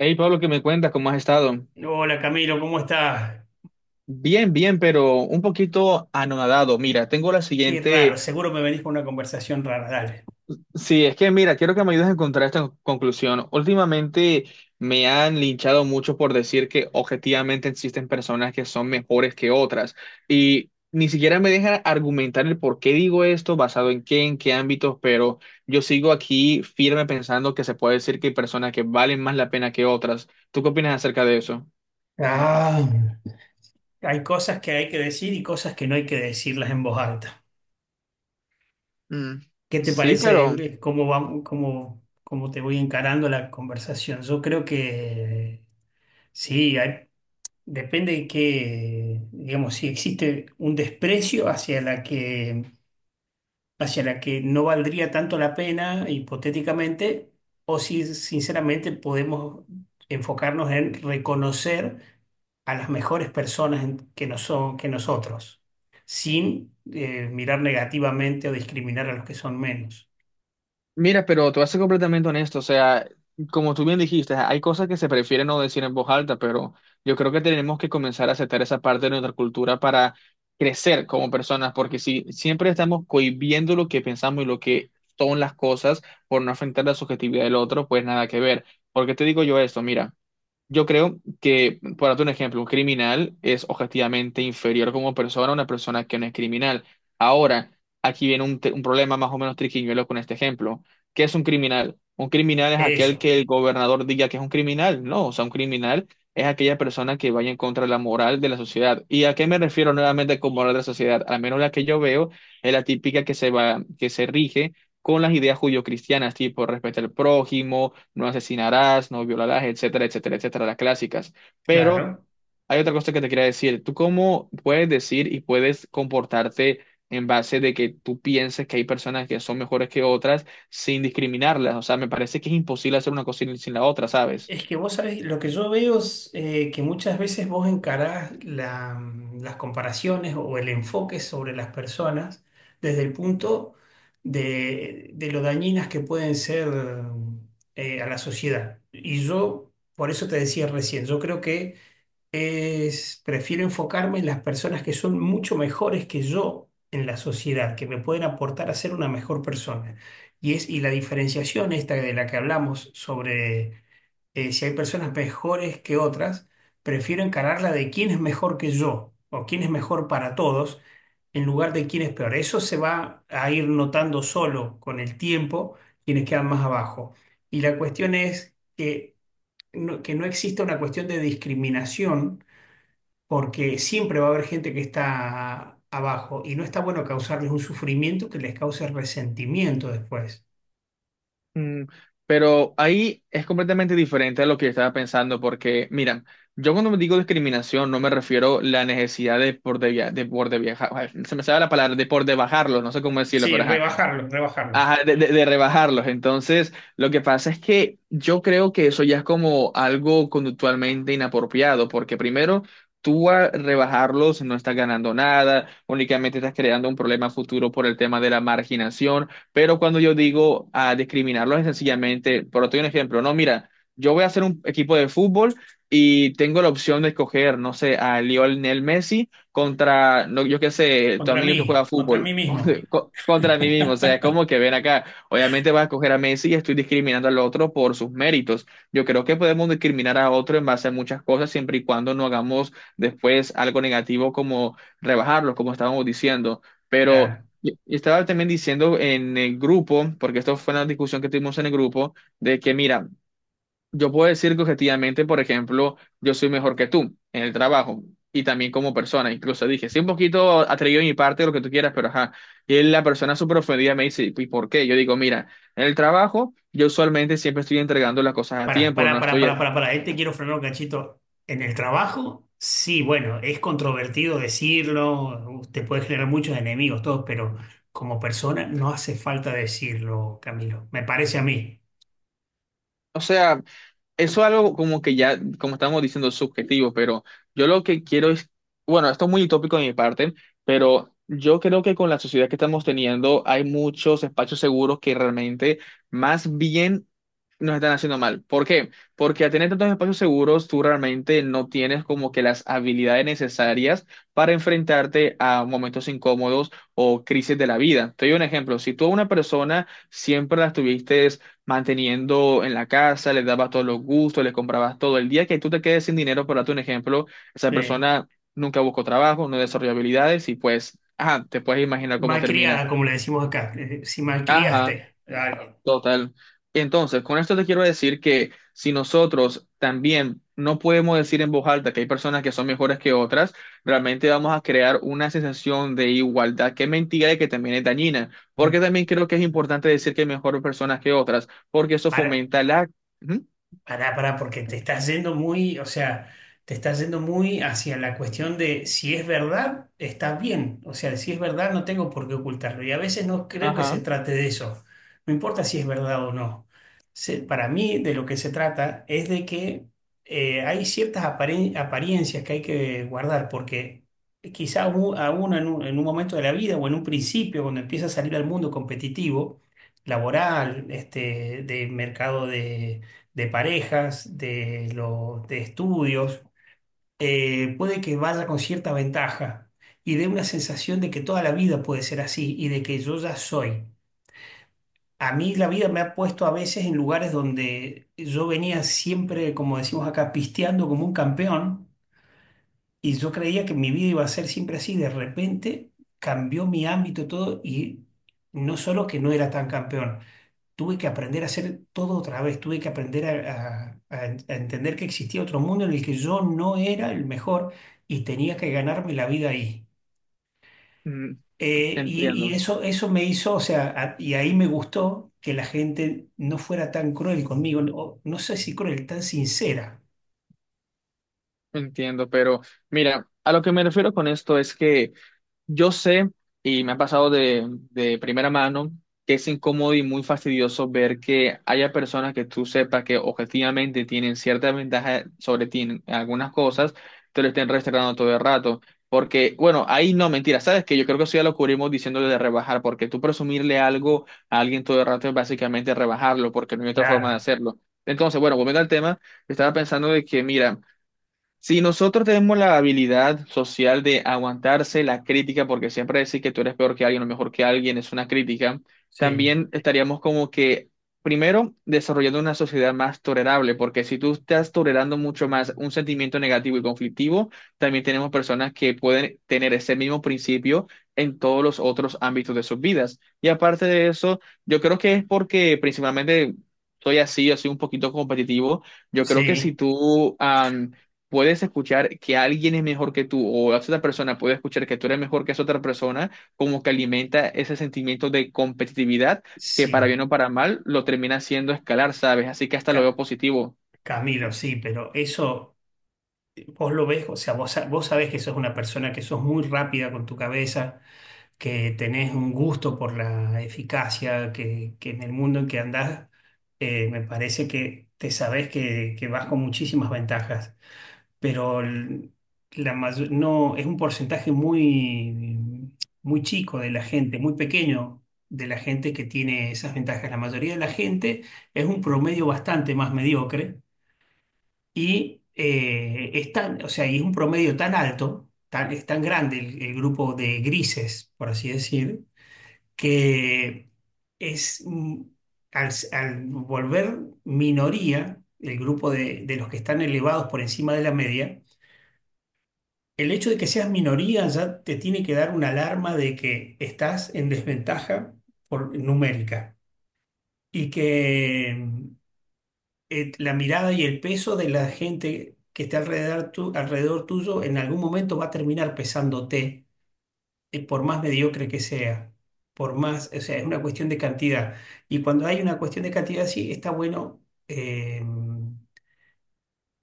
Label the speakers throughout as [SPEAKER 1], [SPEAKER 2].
[SPEAKER 1] Hey Pablo, ¿qué me cuentas? ¿Cómo has estado?
[SPEAKER 2] Hola Camilo, ¿cómo estás?
[SPEAKER 1] Bien, bien, pero un poquito anonadado. Mira, tengo la
[SPEAKER 2] Qué raro,
[SPEAKER 1] siguiente.
[SPEAKER 2] seguro me venís con una conversación rara, dale.
[SPEAKER 1] Sí, es que mira, quiero que me ayudes a encontrar esta conclusión. Últimamente me han linchado mucho por decir que objetivamente existen personas que son mejores que otras y ni siquiera me dejan argumentar el por qué digo esto, basado en qué ámbitos, pero yo sigo aquí firme pensando que se puede decir que hay personas que valen más la pena que otras. ¿Tú qué opinas acerca de eso?
[SPEAKER 2] Ah, hay cosas que hay que decir y cosas que no hay que decirlas en voz alta.
[SPEAKER 1] Mm.
[SPEAKER 2] ¿Qué te
[SPEAKER 1] Sí,
[SPEAKER 2] parece
[SPEAKER 1] pero
[SPEAKER 2] cómo vamos, cómo te voy encarando la conversación? Yo creo que sí, depende de que, digamos, si existe un desprecio hacia la que no valdría tanto la pena, hipotéticamente, o si sinceramente podemos enfocarnos en reconocer a las mejores personas que, nos son, que nosotros, sin mirar negativamente o discriminar a los que son menos.
[SPEAKER 1] mira, pero te voy a ser completamente honesto, o sea, como tú bien dijiste, hay cosas que se prefieren no decir en voz alta, pero yo creo que tenemos que comenzar a aceptar esa parte de nuestra cultura para crecer como personas, porque si siempre estamos cohibiendo lo que pensamos y lo que son las cosas por no afectar la subjetividad del otro, pues nada que ver. ¿Por qué te digo yo esto? Mira, yo creo que, por darte ejemplo, un criminal es objetivamente inferior como persona a una persona que no es criminal. Ahora, aquí viene un, un problema más o menos triquiñuelo con este ejemplo. ¿Qué es un criminal? Un criminal es aquel
[SPEAKER 2] Eso,
[SPEAKER 1] que el gobernador diga que es un criminal. No, o sea, un criminal es aquella persona que vaya en contra de la moral de la sociedad. ¿Y a qué me refiero nuevamente con moral de la sociedad? Al menos la que yo veo es la típica que se va, que se rige con las ideas judio-cristianas, tipo respeto al prójimo, no asesinarás, no violarás, etcétera, etcétera, etcétera, las clásicas. Pero
[SPEAKER 2] claro.
[SPEAKER 1] hay otra cosa que te quería decir. ¿Tú cómo puedes decir y puedes comportarte en base de que tú pienses que hay personas que son mejores que otras sin discriminarlas? O sea, me parece que es imposible hacer una cosa sin la otra, ¿sabes?
[SPEAKER 2] Es que vos sabés, lo que yo veo es que muchas veces vos encarás las comparaciones o el enfoque sobre las personas desde el punto de lo dañinas que pueden ser a la sociedad. Y yo, por eso te decía recién, yo creo que es, prefiero enfocarme en las personas que son mucho mejores que yo en la sociedad, que me pueden aportar a ser una mejor persona. Y es, y la diferenciación esta de la que hablamos sobre si hay personas mejores que otras, prefiero encararla de quién es mejor que yo o quién es mejor para todos en lugar de quién es peor. Eso se va a ir notando solo con el tiempo quienes quedan más abajo. Y la cuestión es que no exista una cuestión de discriminación porque siempre va a haber gente que está abajo y no está bueno causarles un sufrimiento que les cause resentimiento después.
[SPEAKER 1] Mm, pero ahí es completamente diferente a lo que estaba pensando, porque, mira, yo cuando me digo discriminación no me refiero a la necesidad de por de, via- de, por de viajar, ay, se me sale la palabra, de por de bajarlo, no sé cómo decirlo,
[SPEAKER 2] Sí,
[SPEAKER 1] pero ajá.
[SPEAKER 2] rebajarlos, rebajarlos.
[SPEAKER 1] Ajá, de rebajarlos. Entonces, lo que pasa es que yo creo que eso ya es como algo conductualmente inapropiado, porque primero, tú a rebajarlos no estás ganando nada, únicamente estás creando un problema futuro por el tema de la marginación, pero cuando yo digo a discriminarlos es sencillamente, por doy un ejemplo, no, mira, yo voy a hacer un equipo de fútbol y tengo la opción de escoger, no sé, a Lionel Messi contra, no, yo qué sé, tu amigo que juega
[SPEAKER 2] Contra mí
[SPEAKER 1] fútbol, contra,
[SPEAKER 2] mismo.
[SPEAKER 1] contra mí mismo. O sea, es como que ven acá. Obviamente vas a escoger a Messi y estoy discriminando al otro por sus méritos. Yo creo que podemos discriminar a otro en base a muchas cosas, siempre y cuando no hagamos después algo negativo como rebajarlo, como estábamos diciendo. Pero
[SPEAKER 2] Claro.
[SPEAKER 1] y estaba también diciendo en el grupo, porque esto fue una discusión que tuvimos en el grupo, de que, mira, yo puedo decir que objetivamente, por ejemplo, yo soy mejor que tú en el trabajo y también como persona. Incluso dije, sí, un poquito atrevido de mi parte, lo que tú quieras, pero ajá. Y la persona súper ofendida me dice, ¿y por qué? Yo digo, mira, en el trabajo yo usualmente siempre estoy entregando las cosas a tiempo, no estoy,
[SPEAKER 2] Para, para. Ahí te quiero frenar un cachito. En el trabajo, sí, bueno, es controvertido decirlo, te puede generar muchos enemigos, todos, pero como persona no hace falta decirlo, Camilo. Me parece a mí.
[SPEAKER 1] o sea, eso es algo como que ya, como estamos diciendo, subjetivo, pero yo lo que quiero es, bueno, esto es muy utópico de mi parte, pero yo creo que con la sociedad que estamos teniendo hay muchos espacios seguros que realmente más bien nos están haciendo mal. ¿Por qué? Porque al tener tantos espacios seguros, tú realmente no tienes como que las habilidades necesarias para enfrentarte a momentos incómodos o crisis de la vida. Te doy un ejemplo. Si tú a una persona siempre la estuviste manteniendo en la casa, les dabas todos los gustos, les comprabas todo. El día que tú te quedes sin dinero, por darte un ejemplo, esa
[SPEAKER 2] Sí.
[SPEAKER 1] persona nunca buscó trabajo, no desarrolló habilidades y pues, ajá, te puedes imaginar cómo termina.
[SPEAKER 2] Malcriada, como le decimos acá. Si
[SPEAKER 1] Ajá,
[SPEAKER 2] malcriaste a alguien,
[SPEAKER 1] total. Entonces, con esto te quiero decir que si nosotros también no podemos decir en voz alta que hay personas que son mejores que otras, realmente vamos a crear una sensación de igualdad que es mentira y que también es dañina, porque también creo que es importante decir que hay mejores personas que otras, porque eso fomenta la... Ujú.
[SPEAKER 2] pará, pará, porque te estás yendo muy, o sea, te estás yendo muy hacia la cuestión de si es verdad, está bien. O sea, si es verdad, no tengo por qué ocultarlo. Y a veces no creo que se
[SPEAKER 1] Ajá,
[SPEAKER 2] trate de eso. No importa si es verdad o no. Para mí, de lo que se trata es de que hay ciertas apariencias que hay que guardar, porque quizá a a uno en un momento de la vida o en un principio, cuando empieza a salir al mundo competitivo, laboral, este, de mercado de parejas, de, lo, de estudios, puede que vaya con cierta ventaja y dé una sensación de que toda la vida puede ser así y de que yo ya soy. A mí la vida me ha puesto a veces en lugares donde yo venía siempre, como decimos acá, pisteando como un campeón y yo creía que mi vida iba a ser siempre así. De repente cambió mi ámbito todo y no solo que no era tan campeón tuve que aprender a hacer todo otra vez, tuve que aprender a entender que existía otro mundo en el que yo no era el mejor y tenía que ganarme la vida ahí.
[SPEAKER 1] mm,
[SPEAKER 2] Y
[SPEAKER 1] entiendo,
[SPEAKER 2] eso, eso me hizo, o sea, y ahí me gustó que la gente no fuera tan cruel conmigo, no, no sé si cruel, tan sincera.
[SPEAKER 1] entiendo, pero mira, a lo que me refiero con esto es que yo sé, y me ha pasado de primera mano, que es incómodo y muy fastidioso ver que haya personas que tú sepas que objetivamente tienen cierta ventaja sobre ti en algunas cosas, te lo estén restregando todo el rato. Porque, bueno, ahí no, mentira, ¿sabes que yo creo que eso ya lo cubrimos diciéndole de rebajar, porque tú presumirle algo a alguien todo el rato es básicamente rebajarlo, porque no hay otra forma de
[SPEAKER 2] Claro,
[SPEAKER 1] hacerlo? Entonces, bueno, volviendo al tema, estaba pensando de que, mira, si nosotros tenemos la habilidad social de aguantarse la crítica, porque siempre decir que tú eres peor que alguien o mejor que alguien es una crítica,
[SPEAKER 2] sí,
[SPEAKER 1] también estaríamos como que, primero, desarrollando una sociedad más tolerable, porque si tú estás tolerando mucho más un sentimiento negativo y conflictivo, también tenemos personas que pueden tener ese mismo principio en todos los otros ámbitos de sus vidas. Y aparte de eso, yo creo que es porque principalmente soy así, yo soy un poquito competitivo. Yo creo que si
[SPEAKER 2] sí,
[SPEAKER 1] tú puedes escuchar que alguien es mejor que tú o la otra persona puede escuchar que tú eres mejor que esa otra persona, como que alimenta ese sentimiento de competitividad que para
[SPEAKER 2] sí,
[SPEAKER 1] bien o para mal lo termina haciendo escalar, ¿sabes? Así que hasta lo
[SPEAKER 2] Ca-
[SPEAKER 1] veo positivo.
[SPEAKER 2] Camilo, sí, pero eso vos lo ves, o sea, vos, vos sabés que sos una persona que sos muy rápida con tu cabeza que tenés un gusto por la eficacia, que en el mundo en que andás, me parece que te sabés que vas con muchísimas ventajas, pero no, es un porcentaje muy chico de la gente, muy pequeño de la gente que tiene esas ventajas. La mayoría de la gente es un promedio bastante más mediocre y o sea, y es un promedio tan alto, tan, es tan grande el grupo de grises, por así decir que es, al, al volver minoría, el grupo de los que están elevados por encima de la media, el hecho de que seas minoría ya te tiene que dar una alarma de que estás en desventaja por, numérica y que la mirada y el peso de la gente que está alrededor, alrededor tuyo en algún momento va a terminar pesándote por más mediocre que sea, por más, o sea, es una cuestión de cantidad. Y cuando hay una cuestión de cantidad sí está bueno, eh,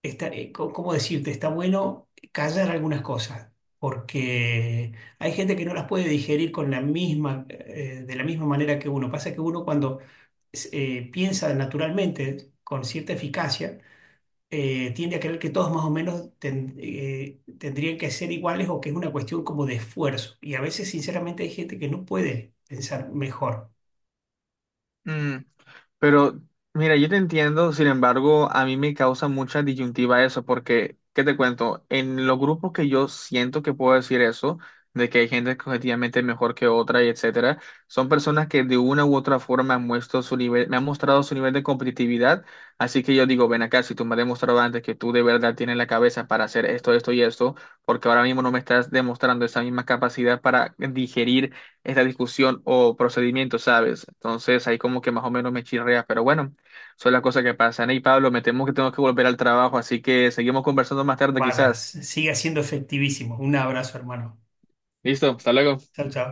[SPEAKER 2] ¿cómo decirte? Está bueno callar algunas cosas. Porque hay gente que no las puede digerir con la misma, de la misma manera que uno. Pasa que uno cuando piensa naturalmente, con cierta eficacia, tiende a creer que todos más o menos tendrían que ser iguales o que es una cuestión como de esfuerzo. Y a veces, sinceramente, hay gente que no puede pensar mejor.
[SPEAKER 1] Mm, pero mira, yo te entiendo, sin embargo, a mí me causa mucha disyuntiva eso, porque, ¿qué te cuento? En los grupos que yo siento que puedo decir eso, de que hay gente que objetivamente es mejor que otra y etcétera, son personas que de una u otra forma han muestro su nivel, me han mostrado su nivel de competitividad, así que yo digo, ven acá, si tú me has demostrado antes que tú de verdad tienes la cabeza para hacer esto, esto y esto, porque ahora mismo no me estás demostrando esa misma capacidad para digerir esta discusión o procedimiento, ¿sabes? Entonces ahí como que más o menos me chirrea, pero bueno, son las cosas que pasan. Y Pablo, me temo que tengo que volver al trabajo, así que seguimos conversando más tarde
[SPEAKER 2] Vaya,
[SPEAKER 1] quizás.
[SPEAKER 2] sigue siendo efectivísimo. Un abrazo, hermano.
[SPEAKER 1] Listo, hasta luego.
[SPEAKER 2] Chao, chao.